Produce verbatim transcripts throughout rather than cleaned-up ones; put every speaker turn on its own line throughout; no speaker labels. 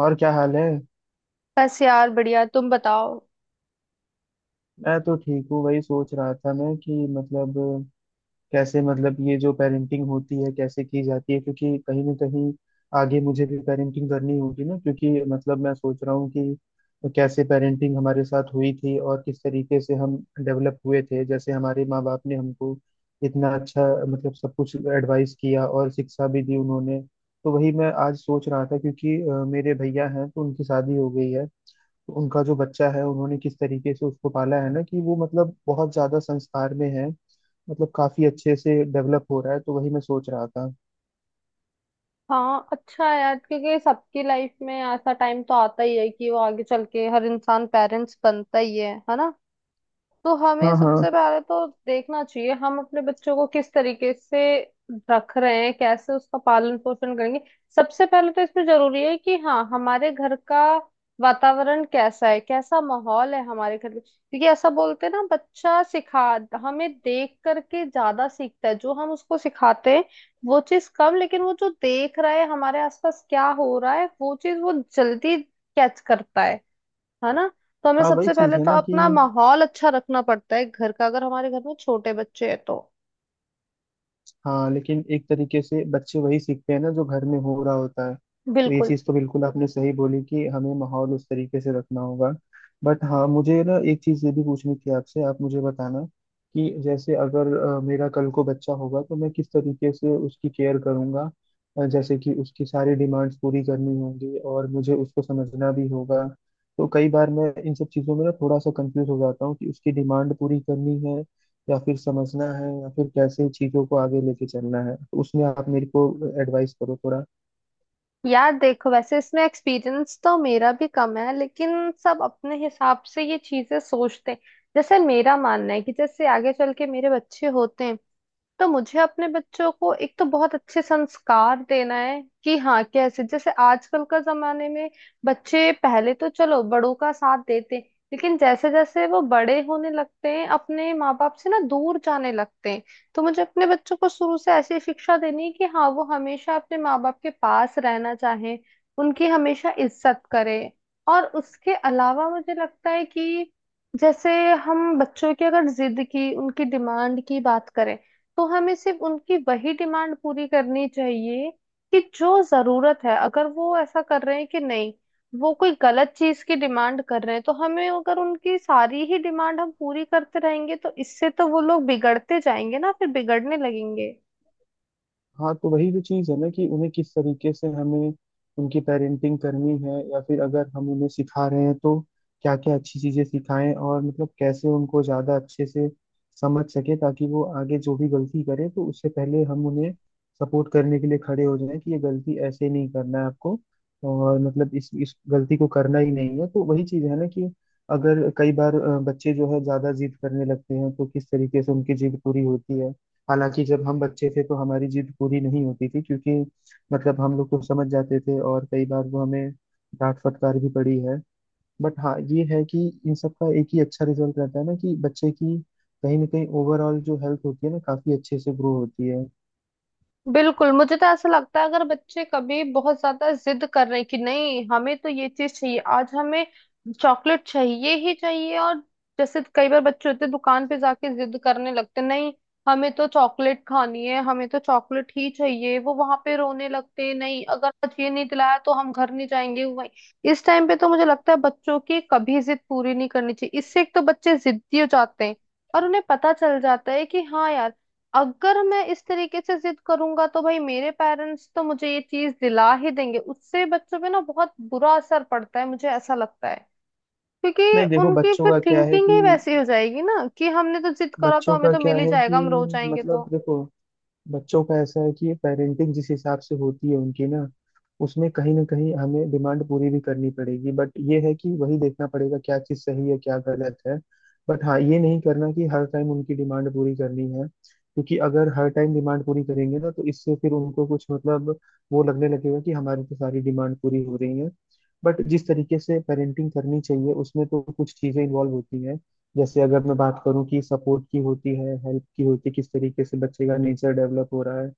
और क्या हाल है।
बस यार बढ़िया। तुम बताओ।
मैं तो ठीक हूँ। वही सोच रहा था मैं कि मतलब कैसे मतलब ये जो पेरेंटिंग होती है कैसे की जाती है, क्योंकि कहीं ना कहीं आगे मुझे भी पेरेंटिंग करनी होगी ना, क्योंकि मतलब मैं सोच रहा हूँ कि कैसे पेरेंटिंग हमारे साथ हुई थी और किस तरीके से हम डेवलप हुए थे। जैसे हमारे माँ बाप ने हमको इतना अच्छा मतलब सब कुछ एडवाइस किया और शिक्षा भी दी उन्होंने। तो वही मैं आज सोच रहा था क्योंकि अ, मेरे भैया हैं तो उनकी शादी हो गई है। उनका जो बच्चा है उन्होंने किस तरीके से उसको पाला है ना कि वो मतलब बहुत ज्यादा संस्कार में है। मतलब काफी अच्छे से डेवलप हो रहा है, तो वही मैं सोच रहा था।
हाँ, अच्छा है यार, क्योंकि सबकी लाइफ में ऐसा टाइम तो आता ही है कि वो आगे चल के हर इंसान पेरेंट्स बनता ही है है ना। तो हमें
हाँ
सबसे
हाँ।
पहले तो देखना चाहिए हम अपने बच्चों को किस तरीके से रख रहे हैं, कैसे उसका पालन पोषण करेंगे। सबसे पहले तो इसमें जरूरी है कि हाँ, हमारे घर का वातावरण कैसा है, कैसा माहौल है हमारे घर में, क्योंकि ऐसा बोलते हैं ना बच्चा सिखा हमें देख करके ज्यादा सीखता है। जो हम उसको सिखाते हैं वो चीज कम, लेकिन वो जो देख रहा है हमारे आसपास क्या हो रहा है वो चीज वो जल्दी कैच करता है है ना। तो हमें
हाँ वही
सबसे
चीज
पहले
है
तो
ना कि,
अपना माहौल अच्छा रखना पड़ता है घर का, अगर हमारे घर में छोटे बच्चे हैं तो।
हाँ लेकिन एक तरीके से बच्चे वही सीखते हैं ना जो घर में हो रहा होता है, तो ये
बिल्कुल।
चीज़ तो बिल्कुल आपने सही बोली कि हमें माहौल उस तरीके से रखना होगा। बट हाँ मुझे ना एक चीज़ ये भी पूछनी थी आपसे, आप मुझे बताना कि जैसे अगर अ, मेरा कल को बच्चा होगा तो मैं किस तरीके से उसकी केयर करूँगा। जैसे कि उसकी सारी डिमांड्स पूरी करनी होंगी और मुझे उसको समझना भी होगा। तो कई बार मैं इन सब चीज़ों में ना थोड़ा सा कंफ्यूज हो जाता हूँ कि उसकी डिमांड पूरी करनी है या फिर समझना है या फिर कैसे चीजों को आगे लेके चलना है, उसमें आप मेरे को एडवाइस करो थोड़ा।
यार देखो, वैसे इसमें एक्सपीरियंस तो मेरा भी कम है, लेकिन सब अपने हिसाब से ये चीजें सोचते हैं। जैसे मेरा मानना है कि जैसे आगे चल के मेरे बच्चे होते हैं तो मुझे अपने बच्चों को एक तो बहुत अच्छे संस्कार देना है कि हाँ, कैसे जैसे आजकल का जमाने में बच्चे पहले तो चलो बड़ों का साथ देते हैं, लेकिन जैसे जैसे वो बड़े होने लगते हैं अपने माँ बाप से ना दूर जाने लगते हैं। तो मुझे अपने बच्चों को शुरू से ऐसी शिक्षा देनी है कि हाँ, वो हमेशा अपने माँ बाप के पास रहना चाहे, उनकी हमेशा इज्जत करे। और उसके अलावा मुझे लगता है कि जैसे हम बच्चों की अगर जिद की, उनकी डिमांड की बात करें तो हमें सिर्फ उनकी वही डिमांड पूरी करनी चाहिए कि जो जरूरत है। अगर वो ऐसा कर रहे हैं कि नहीं, वो कोई गलत चीज की डिमांड कर रहे हैं तो हमें, अगर उनकी सारी ही डिमांड हम पूरी करते रहेंगे तो इससे तो वो लोग बिगड़ते जाएंगे ना, फिर बिगड़ने लगेंगे
हाँ तो वही जो चीज़ है ना कि उन्हें किस तरीके से हमें उनकी पेरेंटिंग करनी है या फिर अगर हम उन्हें सिखा रहे हैं तो क्या क्या अच्छी चीज़ें सिखाएं और मतलब कैसे उनको ज़्यादा अच्छे से समझ सके, ताकि वो आगे जो भी गलती करे तो उससे पहले हम उन्हें सपोर्ट करने के लिए खड़े हो जाएं कि ये गलती ऐसे नहीं करना है आपको और मतलब इस इस गलती को करना ही नहीं है। तो वही चीज़ है ना कि अगर कई बार अ, बच्चे जो है ज़्यादा जिद करने लगते हैं तो किस तरीके से उनकी जिद पूरी होती है। हालांकि जब हम बच्चे थे तो हमारी जिद पूरी नहीं होती थी, क्योंकि मतलब हम लोग को समझ जाते थे और कई बार वो हमें डांट फटकार भी पड़ी है। बट हाँ ये है कि इन सब का एक ही अच्छा रिजल्ट रहता है ना कि बच्चे की कहीं ना कहीं ओवरऑल जो हेल्थ होती है ना काफी अच्छे से ग्रो होती है।
बिल्कुल मुझे तो ऐसा लगता है अगर बच्चे कभी बहुत ज्यादा जिद कर रहे हैं कि नहीं, हमें तो ये चीज चाहिए, आज हमें चॉकलेट चाहिए ही चाहिए। और जैसे कई बार बच्चे होते हैं दुकान पे जाके जिद करने लगते हैं, नहीं हमें तो चॉकलेट खानी है, हमें तो चॉकलेट ही चाहिए। वो वहां पे रोने लगते हैं, नहीं अगर आज ये नहीं दिलाया तो हम घर नहीं जाएंगे। वही इस टाइम पे तो मुझे लगता है बच्चों की कभी जिद पूरी नहीं करनी चाहिए। इससे एक तो बच्चे जिद्दी हो जाते हैं, और उन्हें पता चल जाता है कि हाँ यार, अगर मैं इस तरीके से जिद करूंगा तो भाई मेरे पेरेंट्स तो मुझे ये चीज दिला ही देंगे। उससे बच्चों पे ना बहुत बुरा असर पड़ता है, मुझे ऐसा लगता है। क्योंकि
नहीं देखो,
उनकी
बच्चों
फिर
का क्या है
थिंकिंग ही
कि
वैसी हो जाएगी ना कि हमने तो जिद करा तो
बच्चों
हमें
का
तो
क्या
मिल ही
है कि,
जाएगा, हम रो जाएंगे तो।
मतलब देखो, बच्चों का ऐसा है कि पेरेंटिंग जिस हिसाब से होती है उनकी ना, उसमें कहीं ना कहीं हमें डिमांड पूरी भी करनी पड़ेगी, बट ये है कि वही देखना पड़ेगा क्या चीज़ सही है क्या गलत है। बट हाँ ये नहीं करना कि हर टाइम उनकी डिमांड पूरी करनी है, क्योंकि अगर हर टाइम डिमांड पूरी करेंगे ना तो इससे फिर उनको कुछ मतलब वो लगने लगेगा कि हमारी तो सारी डिमांड पूरी हो रही है। बट जिस तरीके से पेरेंटिंग करनी चाहिए उसमें तो कुछ चीज़ें इन्वॉल्व होती हैं। जैसे अगर मैं बात करूं कि सपोर्ट की होती है, हेल्प की होती है, किस तरीके से बच्चे का नेचर डेवलप हो रहा है,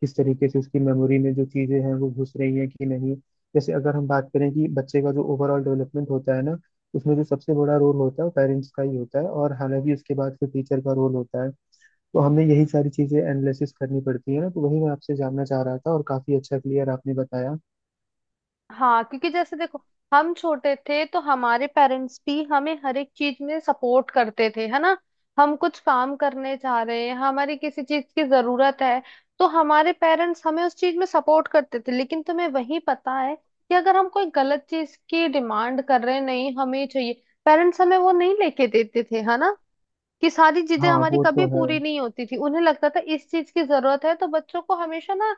किस तरीके से उसकी मेमोरी में जो चीजें हैं वो घुस रही हैं कि नहीं। जैसे अगर हम बात करें कि बच्चे का जो ओवरऑल डेवलपमेंट होता है ना, उसमें जो सबसे बड़ा रोल होता है वो पेरेंट्स का ही होता है और हालांकि उसके बाद फिर टीचर का रोल होता है। तो हमें यही सारी चीजें एनालिसिस करनी पड़ती है ना, तो वही मैं आपसे जानना चाह रहा था और काफी अच्छा क्लियर आपने बताया।
हाँ, क्योंकि जैसे देखो, हम छोटे थे तो हमारे पेरेंट्स भी हमें हर एक चीज में सपोर्ट करते थे, है ना। हम कुछ काम करने चाह रहे हैं, हमारी किसी चीज की जरूरत है तो हमारे पेरेंट्स हमें उस चीज में सपोर्ट करते थे, लेकिन तुम्हें वही पता है कि अगर हम कोई गलत चीज की डिमांड कर रहे हैं, नहीं हमें ये चाहिए, पेरेंट्स हमें वो नहीं लेके देते थे, है ना। कि सारी चीजें
हाँ
हमारी
वो
कभी
तो है।
पूरी नहीं होती थी, उन्हें लगता था इस चीज की जरूरत है तो बच्चों को हमेशा ना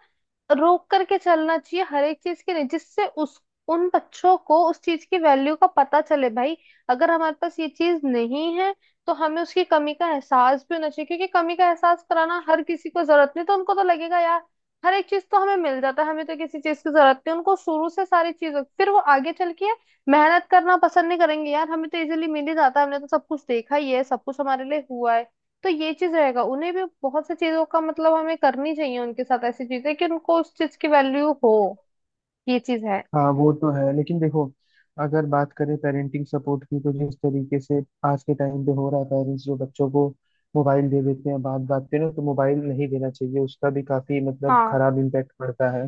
रोक करके चलना चाहिए हर एक चीज के लिए, जिससे उस उन बच्चों को उस चीज की वैल्यू का पता चले। भाई अगर हमारे पास ये चीज नहीं है तो हमें उसकी कमी का एहसास भी होना चाहिए, क्योंकि कमी का एहसास कराना हर किसी को जरूरत नहीं तो उनको तो लगेगा यार हर एक चीज तो हमें मिल जाता है, हमें तो किसी चीज की जरूरत नहीं। उनको शुरू से सारी चीजों फिर वो आगे चल के मेहनत करना पसंद नहीं करेंगे, यार हमें तो इजीली मिल ही जाता है, हमने तो सब कुछ देखा ही है, सब कुछ हमारे लिए हुआ है। तो ये चीज रहेगा, उन्हें भी बहुत सी चीजों का मतलब हमें करनी चाहिए उनके साथ ऐसी चीजें कि उनको उस चीज की वैल्यू हो। ये चीज है।
हाँ वो तो है लेकिन देखो, अगर बात करें पेरेंटिंग सपोर्ट की तो जिस तरीके से आज के टाइम पे हो रहा है, पेरेंट्स जो बच्चों को मोबाइल दे देते हैं बात बात पे ना, तो मोबाइल नहीं देना चाहिए, उसका भी काफी मतलब
हाँ,
खराब इम्पैक्ट पड़ता है।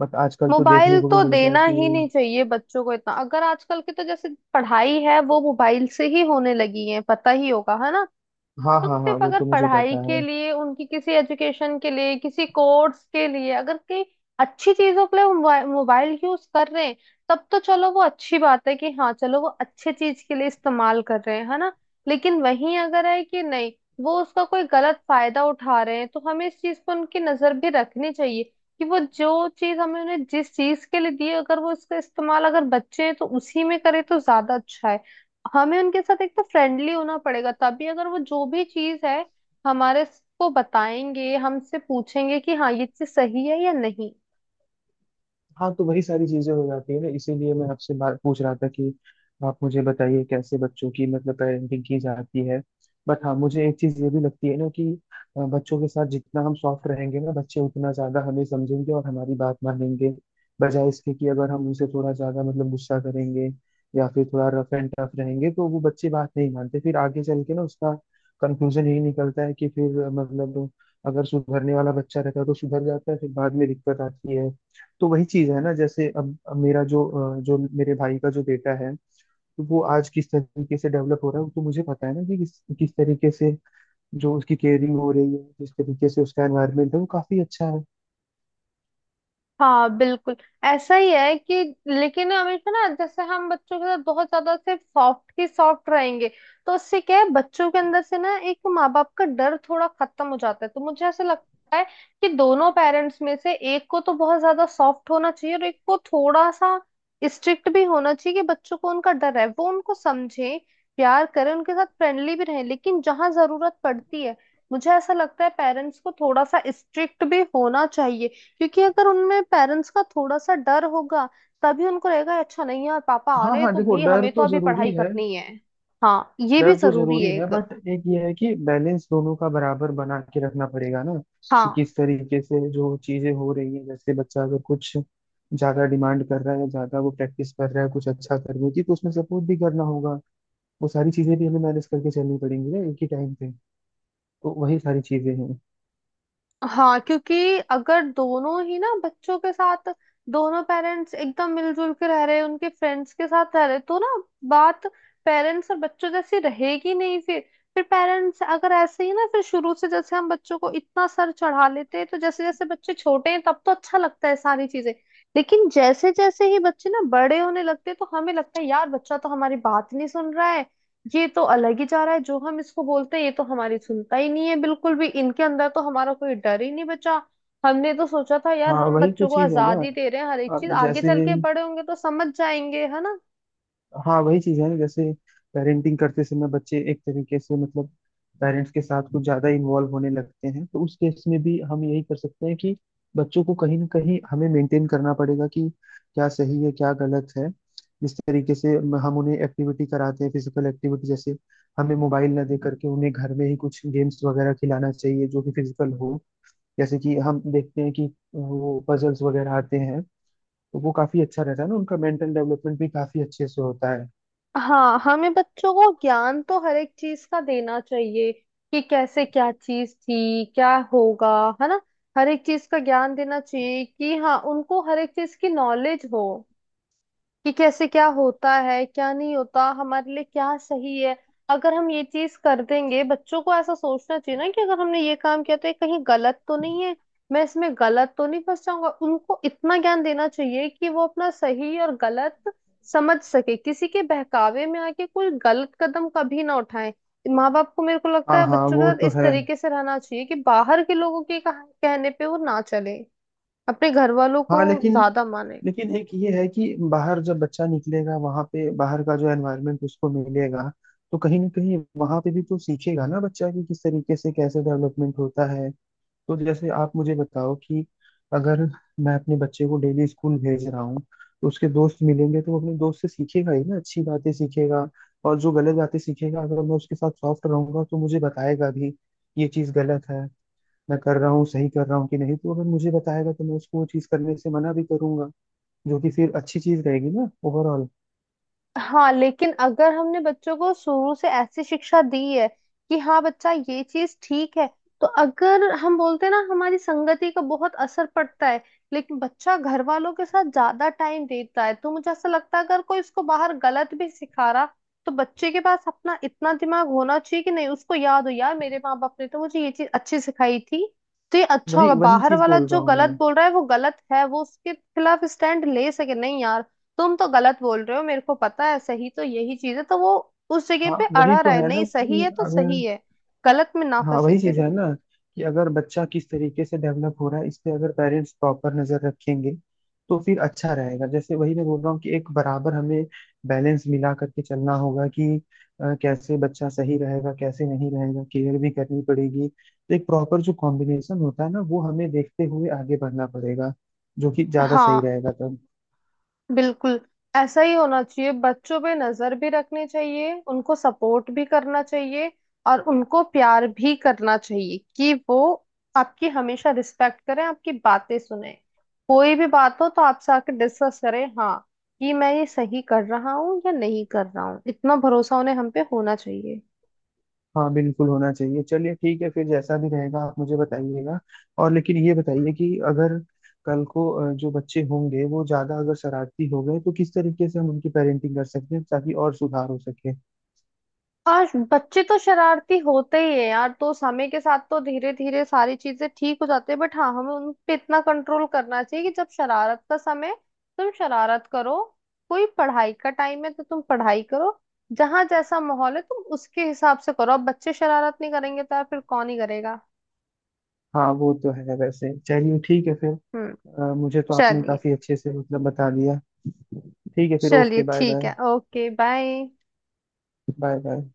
बट आजकल तो
मोबाइल
देखने को
तो
भी मिलता है
देना ही
कि,
नहीं चाहिए बच्चों को इतना। अगर आजकल की तो जैसे पढ़ाई है वो मोबाइल से ही होने लगी है, पता ही होगा, है ना।
हाँ
तुम
हाँ हाँ
सिर्फ
वो
अगर
तो मुझे
पढ़ाई
पता
के
है।
लिए, उनकी किसी एजुकेशन के लिए, किसी कोर्स के लिए, अगर कई अच्छी चीजों के लिए वो मोबाइल मोबाइल यूज कर रहे हैं तब तो चलो वो अच्छी बात है कि हाँ चलो वो अच्छे चीज के लिए इस्तेमाल कर रहे हैं, है ना। लेकिन वहीं अगर है कि नहीं, वो उसका कोई गलत फायदा उठा रहे हैं तो हमें इस चीज पर उनकी नजर भी रखनी चाहिए कि वो जो चीज हमें उन्हें जिस चीज के लिए दी है, अगर वो इसका इस्तेमाल, अगर बच्चे हैं तो उसी में करे तो ज्यादा अच्छा है। हमें उनके साथ एक तो फ्रेंडली होना पड़ेगा तभी अगर वो जो भी चीज है हमारे को बताएंगे, हमसे पूछेंगे कि हाँ ये चीज सही है या नहीं।
हाँ तो वही सारी चीजें हो जाती है ना, इसीलिए मैं आपसे बात पूछ रहा था कि आप मुझे बताइए कैसे बच्चों की मतलब पेरेंटिंग की जाती है। बट हाँ मुझे एक चीज ये भी लगती है ना कि अ, बच्चों के साथ जितना हम सॉफ्ट रहेंगे ना बच्चे उतना ज्यादा हमें समझेंगे और हमारी बात मानेंगे, बजाय इसके कि अगर हम उनसे थोड़ा ज्यादा मतलब गुस्सा करेंगे या फिर थोड़ा रफ एंड टफ रहेंगे तो वो बच्चे बात नहीं मानते। फिर आगे चल के ना उसका कंक्लूजन यही निकलता है कि फिर अ, मतलब अगर सुधरने वाला बच्चा रहता है तो सुधर जाता है, फिर बाद में दिक्कत आती है। तो वही चीज है ना। जैसे अब अब मेरा जो अ, जो मेरे भाई का जो बेटा है, तो वो आज किस तरीके से डेवलप हो रहा है तो मुझे पता है ना कि किस किस तरीके से जो उसकी केयरिंग हो रही है, किस तरीके से उसका एनवायरमेंट है, वो काफी अच्छा है।
हाँ बिल्कुल। ऐसा ही है कि लेकिन हमेशा ना जैसे हम बच्चों के साथ बहुत ज्यादा सिर्फ सॉफ्ट की सॉफ्ट रहेंगे तो उससे क्या है बच्चों के अंदर से ना एक माँ बाप का डर थोड़ा खत्म हो जाता है, तो मुझे ऐसा लगता है कि दोनों पेरेंट्स में से एक को तो बहुत ज्यादा सॉफ्ट होना चाहिए और एक को थोड़ा सा स्ट्रिक्ट भी होना चाहिए, कि बच्चों को उनका डर है, वो उनको समझे, प्यार करें, उनके साथ फ्रेंडली भी रहें, लेकिन जहां जरूरत पड़ती है मुझे ऐसा लगता है पेरेंट्स को थोड़ा सा स्ट्रिक्ट भी होना चाहिए। क्योंकि अगर उनमें पेरेंट्स का थोड़ा सा डर होगा तभी उनको रहेगा, अच्छा नहीं यार, पापा आ
हाँ
रहे हैं
हाँ
तो
देखो,
भाई
डर
हमें तो
तो
अभी पढ़ाई
जरूरी है।
करनी है। हाँ, ये भी
डर तो
जरूरी
जरूरी
है
है
एक।
बट एक ये है कि बैलेंस दोनों का बराबर बना के रखना पड़ेगा ना कि
हाँ।
किस तरीके से जो चीजें हो रही है। जैसे बच्चा अगर कुछ ज्यादा डिमांड कर रहा है या ज्यादा वो प्रैक्टिस कर रहा है कुछ अच्छा करने की, तो उसमें सपोर्ट भी करना होगा। वो सारी चीजें भी हमें मैनेज करके चलनी पड़ेंगी ना एक ही टाइम पे, तो वही सारी चीजें हैं।
हाँ क्योंकि अगर दोनों ही ना बच्चों के साथ दोनों पेरेंट्स एकदम मिलजुल के रह रहे, उनके फ्रेंड्स के साथ रह रहे तो ना बात पेरेंट्स और बच्चों जैसी रहेगी नहीं। फिर फिर पेरेंट्स अगर ऐसे ही ना, फिर शुरू से जैसे हम बच्चों को इतना सर चढ़ा लेते हैं तो जैसे जैसे बच्चे छोटे हैं तब तो अच्छा लगता है सारी चीजें, लेकिन जैसे जैसे ही बच्चे ना बड़े होने लगते हैं तो हमें लगता है यार बच्चा तो हमारी बात नहीं सुन रहा है, ये तो अलग ही जा रहा है, जो हम इसको बोलते हैं ये तो हमारी सुनता ही नहीं है बिल्कुल भी, इनके अंदर तो हमारा कोई डर ही नहीं बचा। हमने तो सोचा था यार
हाँ
हम
वही तो
बच्चों को
चीज है ना।
आजादी दे रहे हैं हर एक चीज,
अब
आगे
जैसे,
चल के बड़े होंगे तो समझ जाएंगे, है ना।
हाँ वही चीज है ना। जैसे पेरेंटिंग करते समय बच्चे एक तरीके से मतलब पेरेंट्स के साथ कुछ ज्यादा इन्वॉल्व होने लगते हैं, तो उस केस में भी हम यही कर सकते हैं कि बच्चों को कहीं ना कहीं हमें मेंटेन करना पड़ेगा कि क्या सही है क्या गलत है। जिस तरीके से हम उन्हें एक्टिविटी कराते हैं, फिजिकल एक्टिविटी, जैसे हमें मोबाइल ना दे करके उन्हें घर में ही कुछ गेम्स वगैरह खिलाना चाहिए जो कि फिजिकल हो। जैसे कि हम देखते हैं कि वो पजल्स वगैरह आते हैं, तो वो काफी अच्छा रहता है ना, उनका मेंटल डेवलपमेंट भी काफी अच्छे से होता है।
हाँ, हमें बच्चों को ज्ञान तो हर एक चीज का देना चाहिए कि कैसे क्या चीज थी, क्या होगा, है ना। हर एक चीज का ज्ञान देना चाहिए कि हाँ उनको हर एक चीज की नॉलेज हो कि कैसे क्या होता है, क्या नहीं होता, हमारे लिए क्या सही है। अगर हम ये चीज कर देंगे, बच्चों को ऐसा सोचना चाहिए ना कि अगर हमने ये काम किया तो ये कहीं गलत तो नहीं है, मैं इसमें गलत तो नहीं फंस जाऊंगा। उनको इतना ज्ञान देना चाहिए कि वो अपना सही और गलत समझ सके, किसी के बहकावे में आके कोई गलत कदम कभी ना उठाए। माँ बाप को मेरे को
हाँ
लगता है
हाँ
बच्चों के
वो
साथ
तो
इस
है।
तरीके से रहना चाहिए कि बाहर के लोगों के कहा- कहने पे वो ना चले, अपने घर वालों को
हाँ लेकिन,
ज्यादा माने।
लेकिन एक ये है कि बाहर जब बच्चा निकलेगा, वहां पे बाहर का जो एनवायरनमेंट उसको मिलेगा तो कहीं ना कहीं वहां पे भी तो सीखेगा ना बच्चा कि किस तरीके से कैसे डेवलपमेंट होता है। तो जैसे आप मुझे बताओ कि अगर मैं अपने बच्चे को डेली स्कूल भेज रहा हूँ, तो उसके दोस्त मिलेंगे तो वो अपने दोस्त से सीखेगा ही ना, अच्छी बातें सीखेगा और जो गलत बातें सीखेगा, अगर मैं उसके साथ सॉफ्ट रहूंगा तो मुझे बताएगा भी ये चीज़ गलत है, मैं कर रहा हूँ सही कर रहा हूँ कि नहीं। तो अगर मुझे बताएगा तो मैं उसको वो चीज़ करने से मना भी करूंगा, जो कि फिर अच्छी चीज़ रहेगी ना ओवरऑल।
हाँ, लेकिन अगर हमने बच्चों को शुरू से ऐसी शिक्षा दी है कि हाँ बच्चा ये चीज ठीक है, तो अगर हम बोलते हैं ना हमारी संगति का बहुत असर पड़ता है, लेकिन बच्चा घर वालों के साथ ज्यादा टाइम देता है तो मुझे ऐसा लगता है अगर कोई इसको बाहर गलत भी सिखा रहा तो बच्चे के पास अपना इतना दिमाग होना चाहिए कि नहीं, उसको याद हो यार मेरे माँ बाप ने तो मुझे ये चीज अच्छी सिखाई थी, तो ये अच्छा होगा।
वही वही
बाहर
चीज़
वाला
बोल
जो
रहा हूँ
गलत
मैं।
बोल रहा है वो गलत है, वो उसके खिलाफ स्टैंड ले सके, नहीं यार तुम तो गलत बोल रहे हो, मेरे को पता है सही तो यही चीज है, तो वो उस जगह
हाँ
पे
वही
अड़ा रहा
तो
है
है ना
नहीं, सही
कि
है तो
अगर,
सही है, गलत में ना
हाँ
फंसे
वही चीज
फिर।
है ना कि अगर बच्चा किस तरीके से डेवलप हो रहा है इस पे अगर पेरेंट्स प्रॉपर नजर रखेंगे तो फिर अच्छा रहेगा। जैसे वही मैं बोल रहा हूँ कि एक बराबर हमें बैलेंस मिला करके चलना होगा कि अ, कैसे बच्चा सही रहेगा कैसे नहीं रहेगा, केयर भी करनी पड़ेगी तो एक प्रॉपर जो कॉम्बिनेशन होता है ना वो हमें देखते हुए आगे बढ़ना पड़ेगा, जो कि ज्यादा
हाँ
सही रहेगा तब।
बिल्कुल, ऐसा ही होना चाहिए। बच्चों पे नजर भी रखनी चाहिए, उनको सपोर्ट भी करना चाहिए और उनको प्यार भी करना चाहिए कि वो आपकी हमेशा रिस्पेक्ट करें, आपकी बातें सुने, कोई भी बात हो तो आपसे आके डिस्कस करें। हाँ, कि मैं ये सही कर रहा हूँ या नहीं कर रहा हूँ, इतना भरोसा उन्हें हम पे होना चाहिए।
हाँ बिल्कुल होना चाहिए। चलिए ठीक है फिर, जैसा भी रहेगा आप मुझे बताइएगा। और लेकिन ये बताइए कि अगर कल को अ, जो बच्चे होंगे वो ज्यादा अगर शरारती हो गए तो किस तरीके से हम उनकी पेरेंटिंग कर सकते हैं ताकि और सुधार हो सके।
आज बच्चे तो शरारती होते ही है यार, तो समय के साथ तो धीरे धीरे सारी चीजें ठीक हो जाती है, बट हाँ हमें उन पे इतना कंट्रोल करना चाहिए कि जब शरारत का समय है, तुम शरारत करो, कोई पढ़ाई का टाइम है तो तुम पढ़ाई करो, जहां जैसा माहौल है तुम उसके हिसाब से करो। अब बच्चे शरारत नहीं करेंगे तो यार फिर कौन ही करेगा।
हाँ वो तो है। वैसे चलिए ठीक है फिर।
हम्म।
अ, मुझे तो आपने
चलिए।
काफी अच्छे से मतलब बता दिया। ठीक है फिर।
चलिए
ओके बाय
ठीक
बाय।
है। Okay, bye.
Bye bye.